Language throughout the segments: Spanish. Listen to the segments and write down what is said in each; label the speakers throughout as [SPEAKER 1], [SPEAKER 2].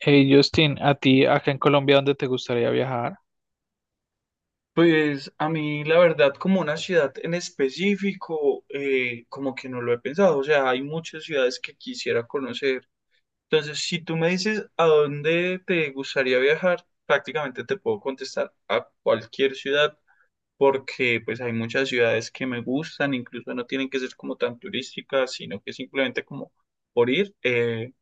[SPEAKER 1] Hey Justin, ¿a ti acá en Colombia dónde te gustaría viajar?
[SPEAKER 2] Pues a mí la verdad como una ciudad en específico como que no lo he pensado, o sea, hay muchas ciudades que quisiera conocer. Entonces, si tú me dices a dónde te gustaría viajar, prácticamente te puedo contestar a cualquier ciudad porque pues hay muchas ciudades que me gustan, incluso no tienen que ser como tan turísticas, sino que simplemente como por ir.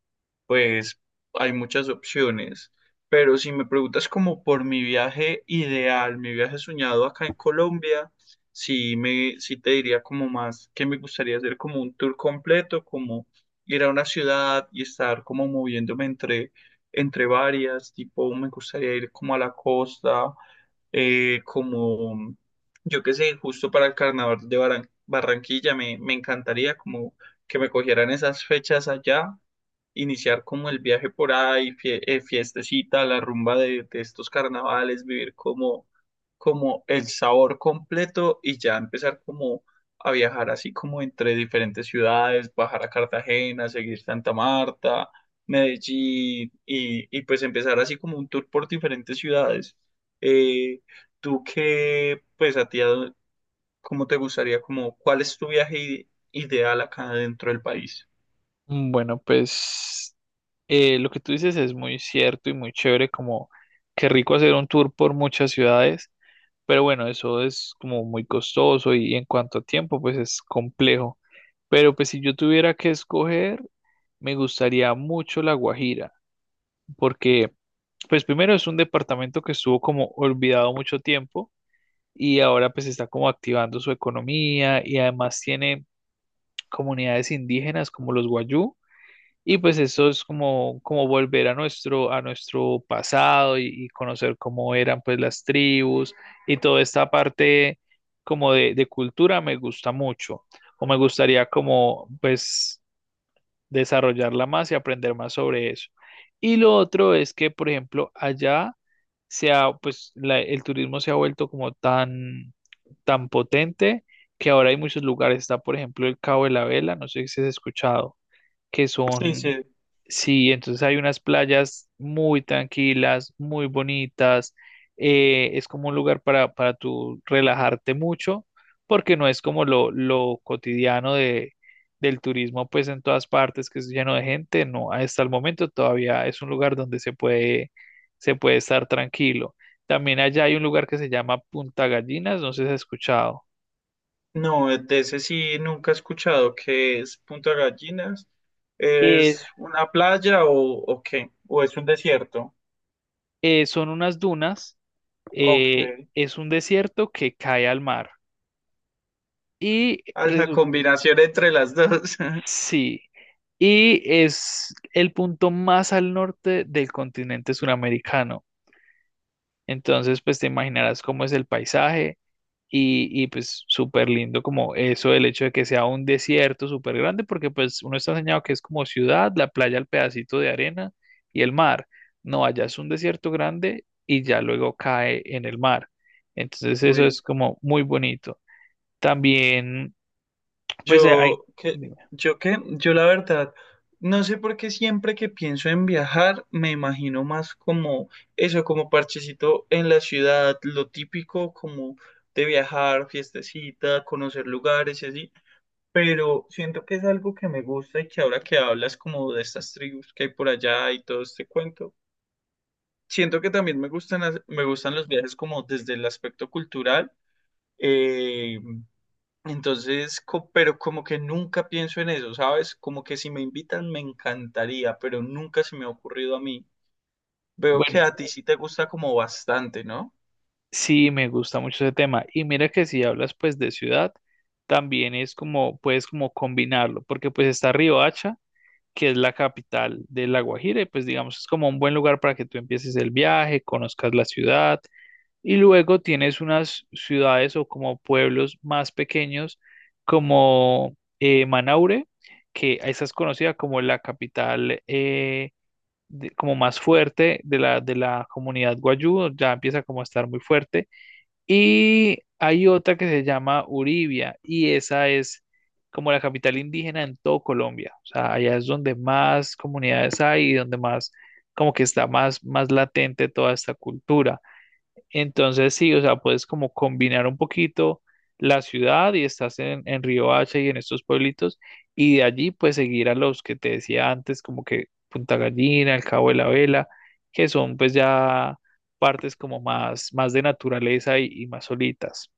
[SPEAKER 2] Pues hay muchas opciones, pero si me preguntas como por mi viaje ideal, mi viaje soñado acá en Colombia, sí te diría como más que me gustaría hacer como un tour completo, como ir a una ciudad y estar como moviéndome entre varias, tipo me gustaría ir como a la costa, como yo qué sé, justo para el carnaval de Barranquilla me encantaría como que me cogieran esas fechas allá, iniciar como el viaje por ahí, fiestecita, la rumba de estos carnavales, vivir como, como el sabor completo y ya empezar como a viajar así como entre diferentes ciudades, bajar a Cartagena, seguir Santa Marta, Medellín y pues empezar así como un tour por diferentes ciudades. Eh, pues a ti, ¿cómo te gustaría, como cuál es tu viaje ideal acá dentro del país?
[SPEAKER 1] Mm, bueno, pues lo que tú dices es muy cierto y muy chévere, como qué rico hacer un tour por muchas ciudades, pero bueno, eso es como muy costoso y en cuanto a tiempo, pues es complejo. Pero pues si yo tuviera que escoger, me gustaría mucho La Guajira, porque pues primero es un departamento que estuvo como olvidado mucho tiempo y ahora pues está como activando su economía y además tiene comunidades indígenas como los Guayú. Y pues eso es como, como volver a nuestro pasado y conocer cómo eran pues las tribus y toda esta parte como de cultura me gusta mucho. O me gustaría como pues desarrollarla más y aprender más sobre eso. Y lo otro es que, por ejemplo, allá se ha, pues, el turismo se ha vuelto como tan, tan potente que ahora hay muchos lugares. Está, por ejemplo, el Cabo de la Vela, no sé si has escuchado, que
[SPEAKER 2] Sí,
[SPEAKER 1] son...
[SPEAKER 2] sí,
[SPEAKER 1] Sí, entonces hay unas playas muy tranquilas, muy bonitas. Es como un lugar para tú relajarte mucho, porque no es como lo cotidiano de, del turismo, pues en todas partes, que es lleno de gente. No, hasta el momento todavía es un lugar donde se puede estar tranquilo. También allá hay un lugar que se llama Punta Gallinas, no sé si has escuchado.
[SPEAKER 2] no, de ese sí nunca he escuchado que es Punta Gallinas.
[SPEAKER 1] Eh,
[SPEAKER 2] ¿Es una playa o qué? ¿O es un desierto?
[SPEAKER 1] son unas dunas,
[SPEAKER 2] Ok.
[SPEAKER 1] es un desierto que cae al mar. Y
[SPEAKER 2] Alta
[SPEAKER 1] resu-
[SPEAKER 2] combinación entre las dos.
[SPEAKER 1] sí, y es el punto más al norte del continente suramericano. Entonces, pues te imaginarás cómo es el paisaje y, pues súper lindo como eso, el hecho de que sea un desierto súper grande, porque pues uno está enseñado que es como ciudad, la playa, el pedacito de arena y el mar. No, allá es un desierto grande y ya luego cae en el mar. Entonces, eso
[SPEAKER 2] Uy.
[SPEAKER 1] es como muy bonito. También, pues hay...
[SPEAKER 2] Yo, que,
[SPEAKER 1] Dime.
[SPEAKER 2] yo qué, yo la verdad, no sé por qué siempre que pienso en viajar, me imagino más como eso, como parchecito en la ciudad, lo típico como de viajar, fiestecita, conocer lugares y así, pero siento que es algo que me gusta y que ahora que hablas como de estas tribus que hay por allá y todo este cuento, siento que también me me gustan los viajes como desde el aspecto cultural. eh, pero como que nunca pienso en eso, ¿sabes? Como que si me invitan me encantaría, pero nunca se me ha ocurrido a mí. Veo que
[SPEAKER 1] Bueno.
[SPEAKER 2] a ti sí te gusta como bastante, ¿no?
[SPEAKER 1] Sí, me gusta mucho ese tema. Y mira que si hablas pues de ciudad, también es como, puedes como combinarlo, porque pues está Riohacha, que es la capital de La Guajira, y pues digamos es como un buen lugar para que tú empieces el viaje, conozcas la ciudad, y luego tienes unas ciudades o como pueblos más pequeños como Manaure, que esa es conocida como la capital como más fuerte de la comunidad Guayú, ya empieza como a estar muy fuerte. Y hay otra que se llama Uribia y esa es como la capital indígena en todo Colombia. O sea, allá es donde más comunidades hay y donde más, como que está más, más latente toda esta cultura. Entonces, sí, o sea, puedes como combinar un poquito la ciudad y estás en Río Hacha y en estos pueblitos, y de allí pues seguir a los que te decía antes, como que Punta Gallina, el Cabo de la Vela, que son pues ya partes como más, más de naturaleza y más solitas.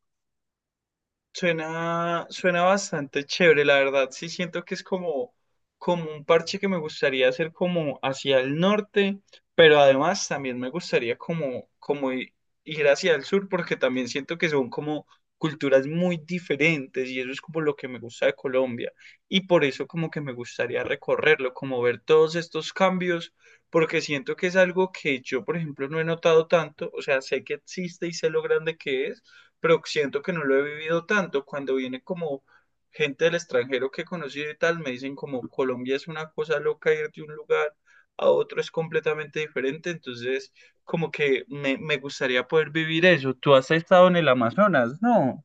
[SPEAKER 2] Suena, suena bastante chévere, la verdad. Sí, siento que es como, como un parche que me gustaría hacer como hacia el norte, pero además también me gustaría como ir hacia el sur, porque también siento que son como culturas muy diferentes y eso es como lo que me gusta de Colombia. Y por eso como que me gustaría recorrerlo, como ver todos estos cambios, porque siento que es algo que yo, por ejemplo, no he notado tanto, o sea, sé que existe y sé lo grande que es, pero siento que no lo he vivido tanto. Cuando viene como gente del extranjero que he conocido y tal, me dicen como Colombia es una cosa loca, ir de un lugar a otro es completamente diferente. Entonces, como que me gustaría poder vivir eso. Tú has estado en el Amazonas, ¿no?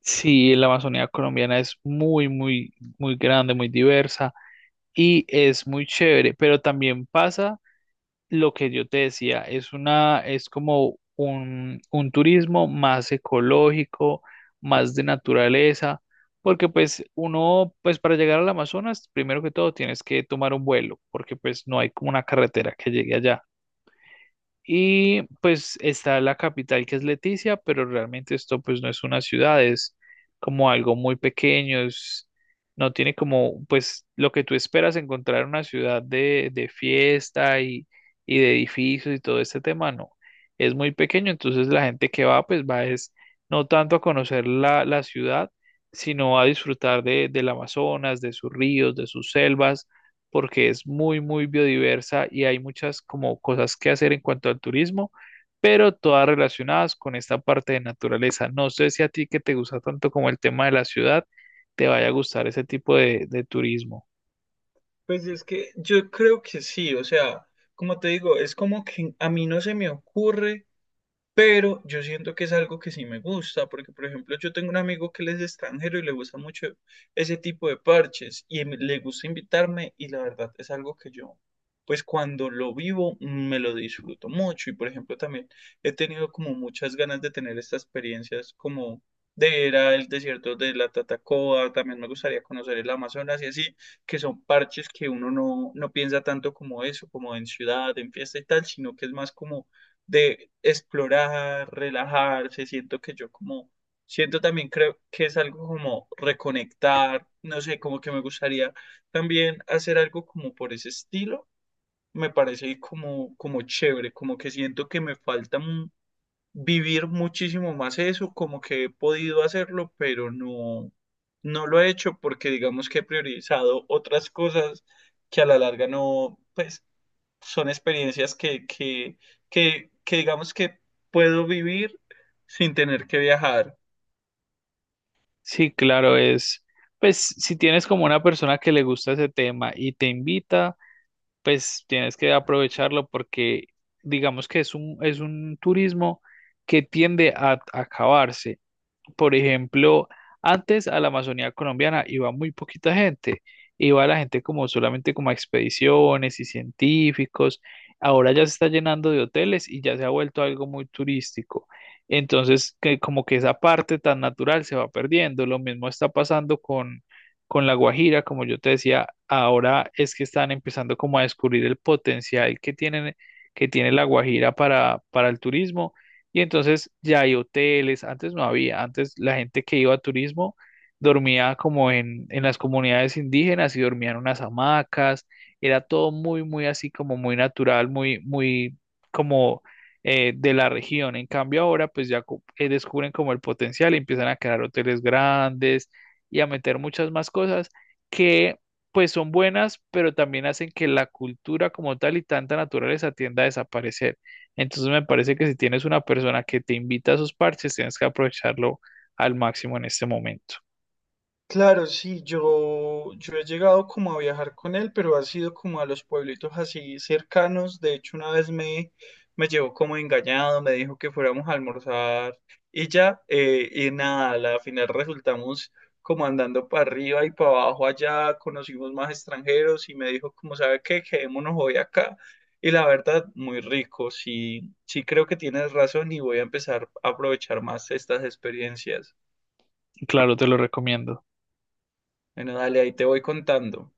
[SPEAKER 1] Sí, la Amazonía colombiana es muy, muy, muy grande, muy diversa y es muy chévere, pero también pasa lo que yo te decía, es una, es como un turismo más ecológico, más de naturaleza, porque pues uno, pues para llegar al Amazonas, primero que todo tienes que tomar un vuelo, porque pues no hay como una carretera que llegue allá. Y pues está la capital que es Leticia, pero realmente esto pues no es una ciudad, es como algo muy pequeño, es- no tiene como pues lo que tú esperas encontrar en una ciudad de fiesta y de edificios y todo este tema, no, es muy pequeño, entonces la gente que va pues va es no tanto a conocer la, la ciudad, sino a disfrutar de, del Amazonas, de sus ríos, de sus selvas porque es muy, muy biodiversa y hay muchas como cosas que hacer en cuanto al turismo, pero todas relacionadas con esta parte de naturaleza. No sé si a ti que te gusta tanto como el tema de la ciudad, te vaya a gustar ese tipo de turismo.
[SPEAKER 2] Pues es que yo creo que sí, o sea, como te digo, es como que a mí no se me ocurre. Pero yo siento que es algo que sí me gusta, porque por ejemplo yo tengo un amigo que él es extranjero y le gusta mucho ese tipo de parches y le gusta invitarme y la verdad es algo que yo, pues cuando lo vivo me lo disfruto mucho y por ejemplo también he tenido como muchas ganas de tener estas experiencias como de ir al desierto de la Tatacoa, también me gustaría conocer el Amazonas y así, que son parches que uno no piensa tanto como eso, como en ciudad, en fiesta y tal, sino que es más como de explorar, relajarse, siento que yo como, siento también creo que es algo como reconectar, no sé, como que me gustaría también hacer algo como por ese estilo, me parece como, como chévere, como que siento que me falta vivir muchísimo más eso, como que he podido hacerlo, pero no, no lo he hecho porque digamos que he priorizado otras cosas que a la larga no, pues son experiencias que digamos que puedo vivir sin tener que viajar.
[SPEAKER 1] Sí, claro, es, pues si tienes como una persona que le gusta ese tema y te invita, pues tienes que aprovecharlo porque digamos que es un turismo que tiende a acabarse. Por ejemplo, antes a la Amazonía colombiana iba muy poquita gente, iba la gente como solamente como a expediciones y científicos. Ahora ya se está llenando de hoteles y ya se ha vuelto algo muy turístico. Entonces, que como que esa parte tan natural se va perdiendo. Lo mismo está pasando con La Guajira, como yo te decía, ahora es que están empezando como a descubrir el potencial que tienen, que tiene La Guajira para el turismo y entonces ya hay hoteles, antes no había, antes la gente que iba a turismo dormía como en las comunidades indígenas y dormían en unas hamacas, era todo muy, muy así como muy natural, muy, muy como de la región. En cambio ahora pues ya descubren como el potencial y empiezan a crear hoteles grandes y a meter muchas más cosas que pues son buenas, pero también hacen que la cultura como tal y tanta naturaleza tienda a desaparecer. Entonces me parece que si tienes una persona que te invita a esos parches, tienes que aprovecharlo al máximo en este momento.
[SPEAKER 2] Claro, sí, yo he llegado como a viajar con él, pero ha sido como a los pueblitos así cercanos. De hecho, una vez me llevó como engañado, me dijo que fuéramos a almorzar y ya, y nada, a la final resultamos como andando para arriba y para abajo allá, conocimos más extranjeros y me dijo como, ¿sabe qué? Quedémonos hoy acá. Y la verdad, muy rico, sí, sí creo que tienes razón y voy a empezar a aprovechar más estas experiencias.
[SPEAKER 1] Claro, te lo recomiendo.
[SPEAKER 2] Bueno, dale, ahí te voy contando.